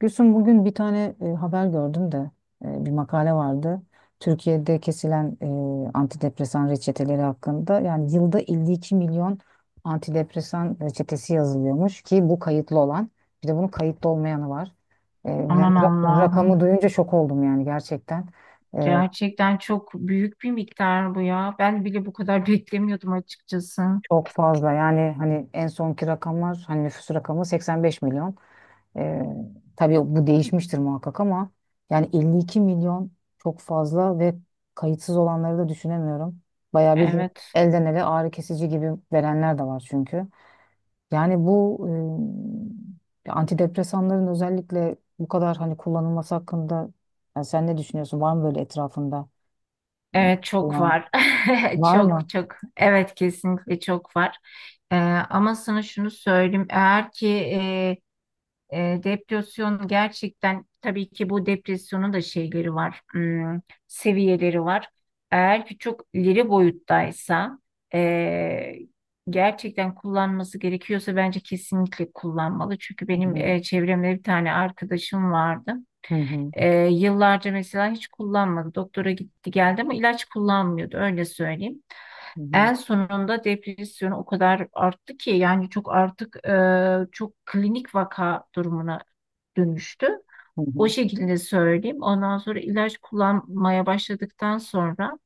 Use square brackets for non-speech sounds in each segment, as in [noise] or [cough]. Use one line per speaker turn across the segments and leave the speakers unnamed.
Gülsüm, bugün bir tane haber gördüm de bir makale vardı. Türkiye'de kesilen antidepresan reçeteleri hakkında, yani yılda 52 milyon antidepresan reçetesi yazılıyormuş ki bu kayıtlı olan; bir de bunun kayıtlı olmayanı var. Yani
Aman
rakamı
Allah'ım.
duyunca şok oldum yani, gerçekten. E,
Gerçekten çok büyük bir miktar bu ya. Ben bile bu kadar [laughs] beklemiyordum açıkçası.
Çok fazla yani, hani en sonki rakamlar, hani nüfus rakamı 85 milyon. Ee, tabii bu değişmiştir muhakkak ama yani 52 milyon çok fazla ve kayıtsız olanları da düşünemiyorum. Bayağı bildiğin
Evet.
elden ele ağrı kesici gibi verenler de var çünkü. Yani bu antidepresanların özellikle bu kadar hani kullanılması hakkında yani sen ne düşünüyorsun? Var mı böyle etrafında
Evet çok
olan?
var. [laughs]
Var
Çok
mı?
çok. Evet kesinlikle çok var. Ee, ama sana şunu söyleyeyim. Eğer ki depresyon gerçekten tabii ki bu depresyonun da şeyleri var, hmm, seviyeleri var. Eğer ki çok ileri boyuttaysa e, gerçekten kullanması gerekiyorsa bence kesinlikle kullanmalı. Çünkü benim çevremde bir tane arkadaşım vardı.
Hı hı.
Yıllarca mesela hiç kullanmadı. Doktora gitti geldi ama ilaç kullanmıyordu öyle söyleyeyim.
Hı hı.
En sonunda depresyon o kadar arttı ki yani çok artık çok klinik vaka durumuna dönüştü.
Hı hı.
O şekilde söyleyeyim. Ondan sonra ilaç kullanmaya başladıktan sonra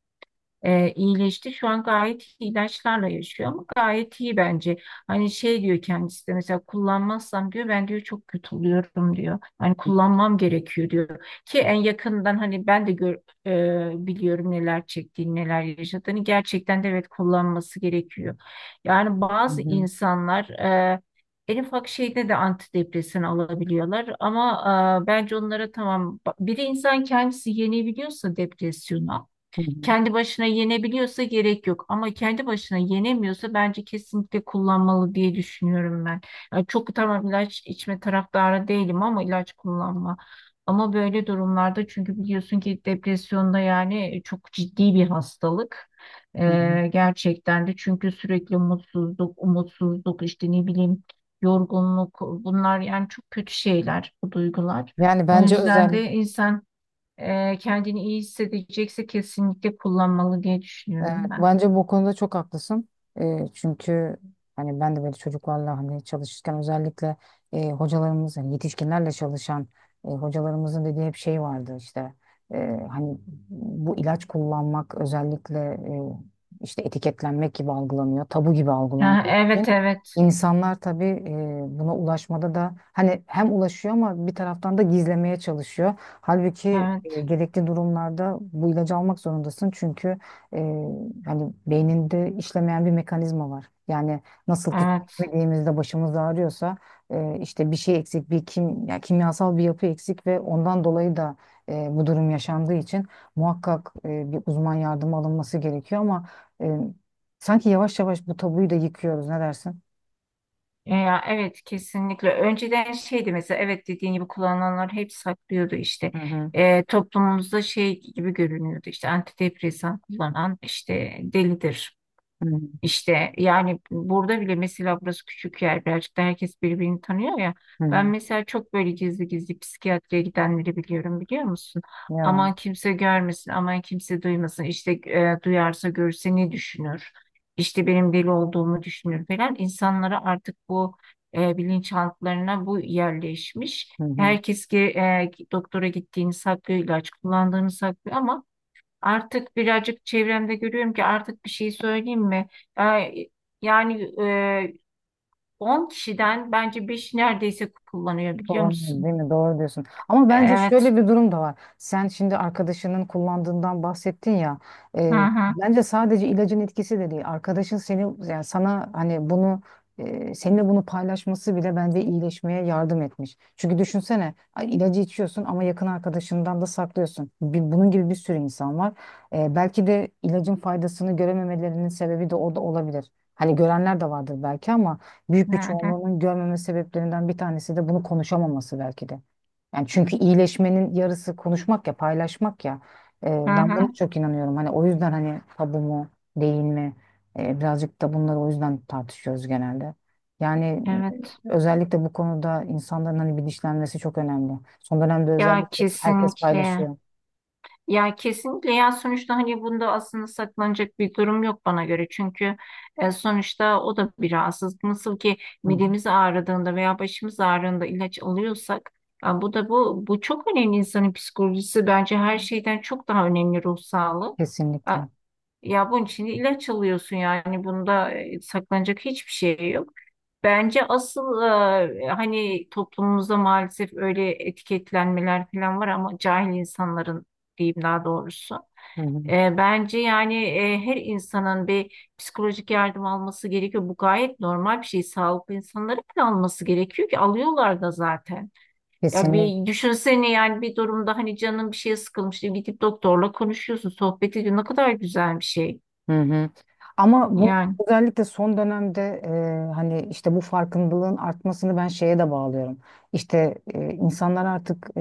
iyileşti. Şu an gayet iyi ilaçlarla yaşıyor ama gayet iyi bence. Hani şey diyor kendisi de mesela kullanmazsam diyor ben diyor çok kötü oluyorum diyor. Hani kullanmam gerekiyor diyor. Ki en yakından hani ben de biliyorum neler çektiğini, neler yaşadığını. Gerçekten de evet kullanması gerekiyor. Yani
Hı
bazı
hı.
insanlar en ufak şeyde de antidepresan alabiliyorlar ama bence onlara tamam bir insan kendisi yenebiliyorsa depresyonu
Hı hı.
kendi başına yenebiliyorsa gerek yok ama kendi başına yenemiyorsa bence kesinlikle kullanmalı diye düşünüyorum ben. Yani çok tamam ilaç içme taraftarı değilim ama ilaç kullanma. Ama böyle durumlarda çünkü biliyorsun ki depresyonda yani çok ciddi bir hastalık.
Hı hı.
Gerçekten de çünkü sürekli mutsuzluk, umutsuzluk işte ne bileyim yorgunluk bunlar yani çok kötü şeyler bu duygular.
Yani
O
bence
yüzden
özel.
de insan kendini iyi hissedecekse kesinlikle kullanmalı diye
Evet,
düşünüyorum ben.
bence bu konuda çok haklısın. Çünkü hani ben de böyle çocuklarla hani çalışırken özellikle hocalarımız hani yetişkinlerle çalışan hocalarımızın dediği hep şey vardı işte. Hani bu ilaç kullanmak özellikle eee, işte etiketlenmek gibi algılanıyor, tabu gibi
Ha,
algılandığı
evet
için
evet,
insanlar tabii buna ulaşmada da hani hem ulaşıyor ama bir taraftan da gizlemeye çalışıyor. Halbuki
evet
gerekli durumlarda bu ilacı almak zorundasın çünkü e, hani beyninde işlemeyen bir mekanizma var. Yani nasıl ki
evet.
yediğimizde başımız ağrıyorsa işte bir şey eksik, ya kimyasal bir yapı eksik ve ondan dolayı da bu durum yaşandığı için muhakkak bir uzman yardımı alınması gerekiyor ama e, sanki yavaş yavaş bu tabuyu da yıkıyoruz. Ne dersin?
Ya evet kesinlikle önceden şeydi mesela evet dediğin gibi kullananlar hep saklıyordu işte.
Hı hı.
Toplumumuzda şey gibi görünüyordu işte antidepresan kullanan işte delidir.
Hı hı.
İşte yani burada bile mesela burası küçük yer birazcık da herkes birbirini tanıyor ya.
Hı
Ben
hı.
mesela çok böyle gizli gizli psikiyatriye gidenleri biliyorum biliyor musun?
Ya.
Aman kimse görmesin, aman kimse duymasın. İşte duyarsa görse ne düşünür? İşte benim deli olduğumu düşünür falan. İnsanlara artık bu bilinçaltlarına bu yerleşmiş.
Hı hı.
Herkes ki doktora gittiğini saklıyor, ilaç kullandığını saklıyor ama artık birazcık çevremde görüyorum ki artık bir şey söyleyeyim mi? Ee, Yani e, 10 kişiden bence 5 neredeyse kullanıyor biliyor
Kullanıyoruz, değil
musun?
değil mi? Doğru diyorsun. Ama bence
Evet.
şöyle bir durum da var. Sen şimdi arkadaşının kullandığından bahsettin ya.
Hı hı.
Bence sadece ilacın etkisi de değil. Arkadaşın seni, yani sana hani bunu, seninle bunu paylaşması bile bence iyileşmeye yardım etmiş. Çünkü düşünsene, ay, ilacı içiyorsun ama yakın arkadaşından da saklıyorsun. Bunun gibi bir sürü insan var. Belki de ilacın faydasını görememelerinin sebebi de o da olabilir. Hani görenler de vardır belki ama büyük
Hı
bir
hı.
çoğunluğunun görmeme sebeplerinden bir tanesi de bunu konuşamaması belki de. Yani çünkü iyileşmenin yarısı konuşmak ya, paylaşmak ya. Ee,
Hı
Ben
hı.
buna çok inanıyorum. Hani o yüzden hani tabu mu, değil mi? Birazcık da bunları o yüzden tartışıyoruz genelde. Yani
Evet.
özellikle bu konuda insanların hani bilinçlenmesi çok önemli. Son dönemde
Ya
özellikle herkes
kesinlikle.
paylaşıyor.
Ya kesinlikle ya sonuçta hani bunda aslında saklanacak bir durum yok bana göre. Çünkü sonuçta o da bir rahatsızlık. Nasıl ki
Hı hı.
midemiz ağrıdığında veya başımız ağrıdığında ilaç alıyorsak ya bu da bu çok önemli insanın psikolojisi bence her şeyden çok daha önemli ruh sağlığı. Ya,
Kesinlikle.
ya bunun için ilaç alıyorsun yani bunda saklanacak hiçbir şey yok. Bence asıl hani toplumumuzda maalesef öyle etiketlenmeler falan var ama cahil insanların diyeyim daha doğrusu.
Hı hı.
Bence yani her insanın bir psikolojik yardım alması gerekiyor. Bu gayet normal bir şey. Sağlıklı insanların bile alması gerekiyor ki alıyorlar da zaten. Ya
Kesinlikle.
bir düşünsene yani bir durumda hani canın bir şeye sıkılmış diye gidip doktorla konuşuyorsun, sohbet ediyorsun. Ne kadar güzel bir şey.
Hı hı. Ama bunu
Yani.
özellikle son dönemde, hani işte bu farkındalığın artmasını ben şeye de bağlıyorum. İşte insanlar artık,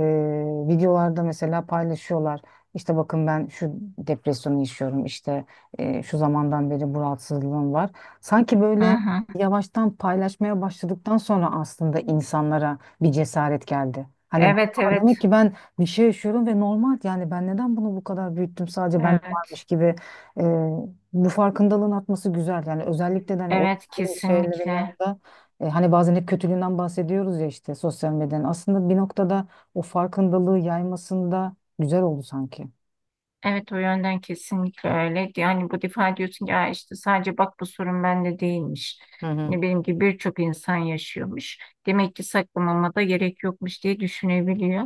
videolarda mesela paylaşıyorlar. İşte bakın, ben şu depresyonu yaşıyorum. İşte şu zamandan beri bu rahatsızlığım var. Sanki
Hı
böyle
hı.
yavaştan paylaşmaya başladıktan sonra aslında insanlara bir cesaret geldi. Hani,
Evet
"Aa,
evet,
demek ki ben bir şey yaşıyorum ve normal, yani ben neden bunu bu kadar büyüttüm, sadece bende varmış
evet
gibi." Bu farkındalığın atması güzel. Yani özellikle de hani o
evet
dediğimiz şeylerin
kesinlikle.
yanında, hani bazen hep kötülüğünden bahsediyoruz ya işte, sosyal medyanın. Aslında bir noktada o farkındalığı yaymasında güzel oldu sanki.
Evet o yönden kesinlikle öyle. Yani bu defa diyorsun ki "Aa, işte sadece bak bu sorun bende değilmiş.
Hı hı.
Ne benim gibi birçok insan yaşıyormuş. Demek ki saklamama da gerek yokmuş diye düşünebiliyor.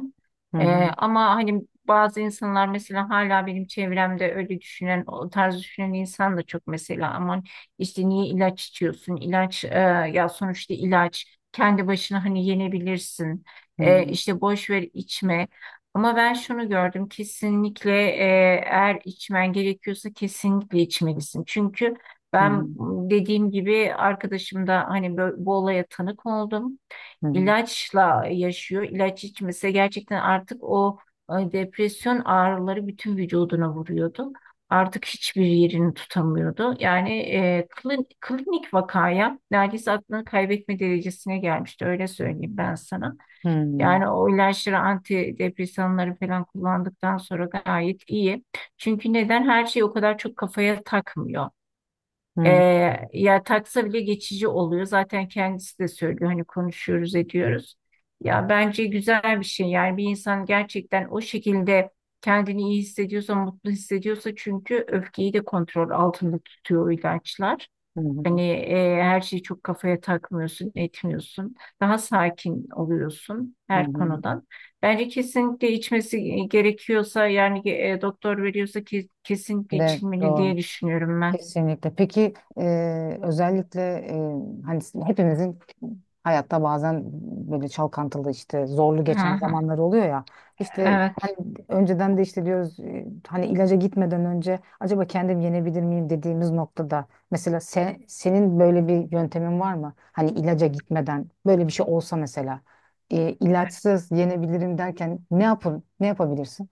Hı
Ee,
hı.
ama hani bazı insanlar mesela hala benim çevremde öyle düşünen, o tarz düşünen insan da çok mesela aman işte niye ilaç içiyorsun? Ya sonuçta ilaç kendi başına hani yenebilirsin.
Hı hı.
İşte boş ver içme. Ama ben şunu gördüm kesinlikle eğer içmen gerekiyorsa kesinlikle içmelisin. Çünkü
Hı hı.
ben dediğim gibi arkadaşım da hani bu olaya tanık oldum.
Hı hı.
İlaçla yaşıyor. İlaç içmese gerçekten artık o depresyon ağrıları bütün vücuduna vuruyordu. Artık hiçbir yerini tutamıyordu. Yani klinik vakaya neredeyse aklını kaybetme derecesine gelmişti öyle söyleyeyim ben sana.
Hı
Yani o ilaçları antidepresanları falan kullandıktan sonra gayet iyi. Çünkü neden her şeyi o kadar çok kafaya takmıyor. Ee,
hı.
ya taksa bile geçici oluyor. Zaten kendisi de söylüyor hani konuşuyoruz ediyoruz. Ya bence güzel bir şey. Yani bir insan gerçekten o şekilde kendini iyi hissediyorsa, mutlu hissediyorsa çünkü öfkeyi de kontrol altında tutuyor o ilaçlar.
Hı hı.
Hani her şeyi çok kafaya takmıyorsun, etmiyorsun. Daha sakin oluyorsun
Hı
her
hı.
konudan. Bence kesinlikle içmesi gerekiyorsa yani doktor veriyorsa ki, kesinlikle
De
içilmeli
doğru.
diye düşünüyorum ben.
Kesinlikle. Peki özellikle, hani hepimizin hayatta bazen böyle çalkantılı, işte zorlu
Hı
geçen
hı.
zamanlar oluyor ya. İşte
Evet.
hani, önceden de işte diyoruz, hani ilaca gitmeden önce acaba kendim yenebilir miyim dediğimiz noktada, mesela senin böyle bir yöntemin var mı? Hani, ilaca gitmeden böyle bir şey olsa mesela, ilaçsız yenebilirim derken ne yapabilirsin?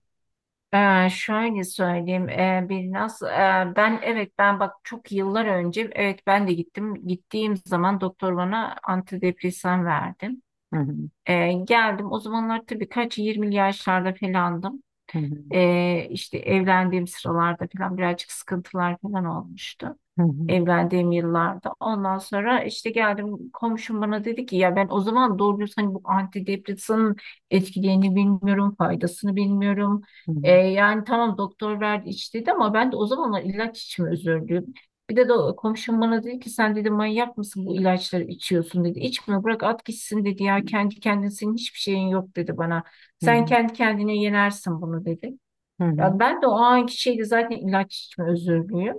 Şöyle söyleyeyim, bir nasıl ben evet ben bak çok yıllar önce evet ben de gittim, gittiğim zaman doktor bana antidepresan verdi.
Hı hı.
Geldim o zamanlar tabii kaç 20 yaşlarda falandım.
Hı hı.
İşte evlendiğim sıralarda falan birazcık sıkıntılar falan olmuştu.
Hı hı.
Evlendiğim yıllarda. Ondan sonra işte geldim komşum bana dedi ki ya ben o zaman doğru düz hani bu antidepresanın etkilerini bilmiyorum, faydasını bilmiyorum.
Hı hı.
Yani tamam doktor verdi iç dedi ama ben de o zamanlar ilaç içimi özürdüm. Bir de komşum bana dedi ki sen dedi manyak mısın bu ilaçları içiyorsun dedi. İçme bırak at gitsin dedi ya kendi kendine senin hiçbir şeyin yok dedi bana.
Hı hı.
Sen kendi kendine yenersin bunu dedi.
Hı
Ya
hı.
ben de o anki şeyle zaten ilaç içme özürlüyüm.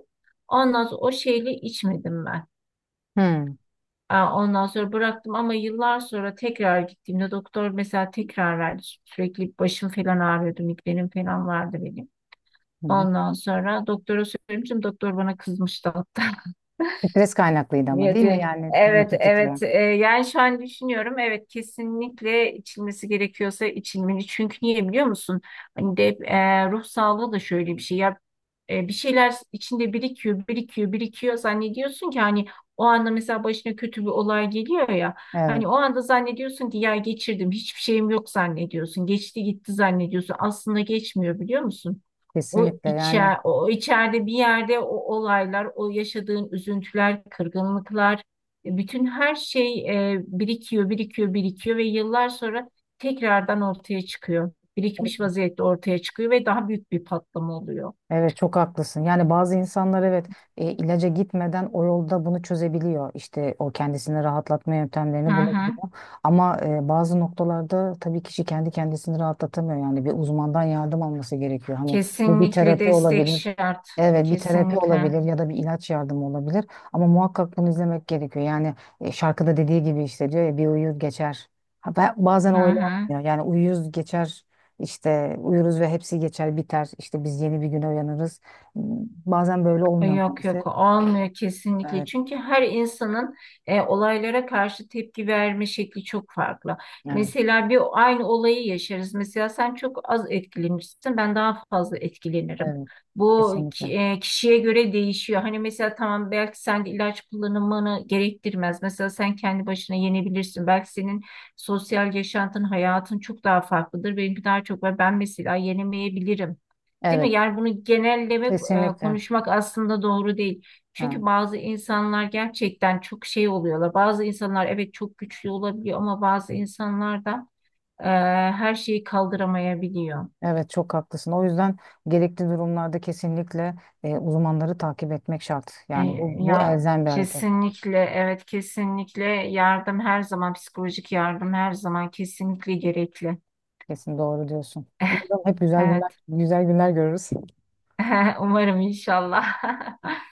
Ondan sonra o şeyle içmedim ben.
Hı.
Aa, ondan sonra bıraktım ama yıllar sonra tekrar gittiğimde doktor mesela tekrar verdi. Sürekli başım falan ağrıyordu, migrenim falan vardı benim.
Hı hı.
Ondan sonra doktora söylemiştim. Doktor bana kızmıştı.
Stres kaynaklıydı ama, değil mi?
Niyeti.
Yani bunu
Evet,
tetikleyen.
evet. Yani şu an düşünüyorum. Evet, kesinlikle içilmesi gerekiyorsa içilmeli. Çünkü niye biliyor musun? Hani de ruh sağlığı da şöyle bir şey. Ya bir şeyler içinde birikiyor, birikiyor, birikiyor. Zannediyorsun ki hani o anda mesela başına kötü bir olay geliyor ya.
Evet,
Hani o anda zannediyorsun ki ya geçirdim, hiçbir şeyim yok zannediyorsun. Geçti gitti zannediyorsun. Aslında geçmiyor biliyor musun? O
kesinlikle. Yani.
içer, o içeride bir yerde o olaylar, o yaşadığın üzüntüler, kırgınlıklar, bütün her şey birikiyor, birikiyor, birikiyor ve yıllar sonra tekrardan ortaya çıkıyor. Birikmiş vaziyette ortaya çıkıyor ve daha büyük bir patlama oluyor.
Evet, çok haklısın. Yani bazı insanlar, evet, ilaca gitmeden o yolda bunu çözebiliyor. İşte o kendisini rahatlatma
Hı
yöntemlerini
hı.
bulabiliyor. Ama bazı noktalarda tabii kişi kendi kendisini rahatlatamıyor. Yani bir uzmandan yardım alması gerekiyor. Hani bu bir
Kesinlikle
terapi
destek
olabilir.
şart.
Evet, bir terapi
Kesinlikle.
olabilir ya da bir ilaç yardımı olabilir. Ama muhakkak bunu izlemek gerekiyor. Yani şarkıda dediği gibi işte, diyor ya, bir uyur geçer. Ha, bazen
Hı
öyle
hı.
olmuyor. Yani uyuz geçer işte, uyuruz ve hepsi geçer biter. İşte biz yeni bir güne uyanırız. Bazen böyle olmuyor
Yok
maalesef.
yok olmuyor kesinlikle
Evet,
çünkü her insanın olaylara karşı tepki verme şekli çok farklı.
evet,
Mesela bir aynı olayı yaşarız. Mesela sen çok az etkilenirsin, ben daha fazla etkilenirim.
evet. Kesinlikle.
Kişiye göre değişiyor. Hani mesela tamam belki sen de ilaç kullanımını gerektirmez. Mesela sen kendi başına yenebilirsin. Belki senin sosyal yaşantın, hayatın çok daha farklıdır. Benimki daha çok var. Ben mesela yenemeyebilirim. Değil mi?
Evet,
Yani bunu genellemek,
kesinlikle.
konuşmak aslında doğru değil. Çünkü
Ha.
bazı insanlar gerçekten çok şey oluyorlar. Bazı insanlar evet çok güçlü olabiliyor ama bazı insanlar da e, her şeyi kaldıramayabiliyor.
Evet, çok haklısın. O yüzden gerekli durumlarda kesinlikle uzmanları takip etmek şart.
E,
Yani bu
ya
elzem bir hareket.
kesinlikle evet kesinlikle yardım her zaman psikolojik yardım her zaman kesinlikle gerekli.
Kesin doğru diyorsun.
[laughs]
Umarım hep güzel günler,
Evet.
güzel günler görürüz.
[laughs] Umarım inşallah. [laughs]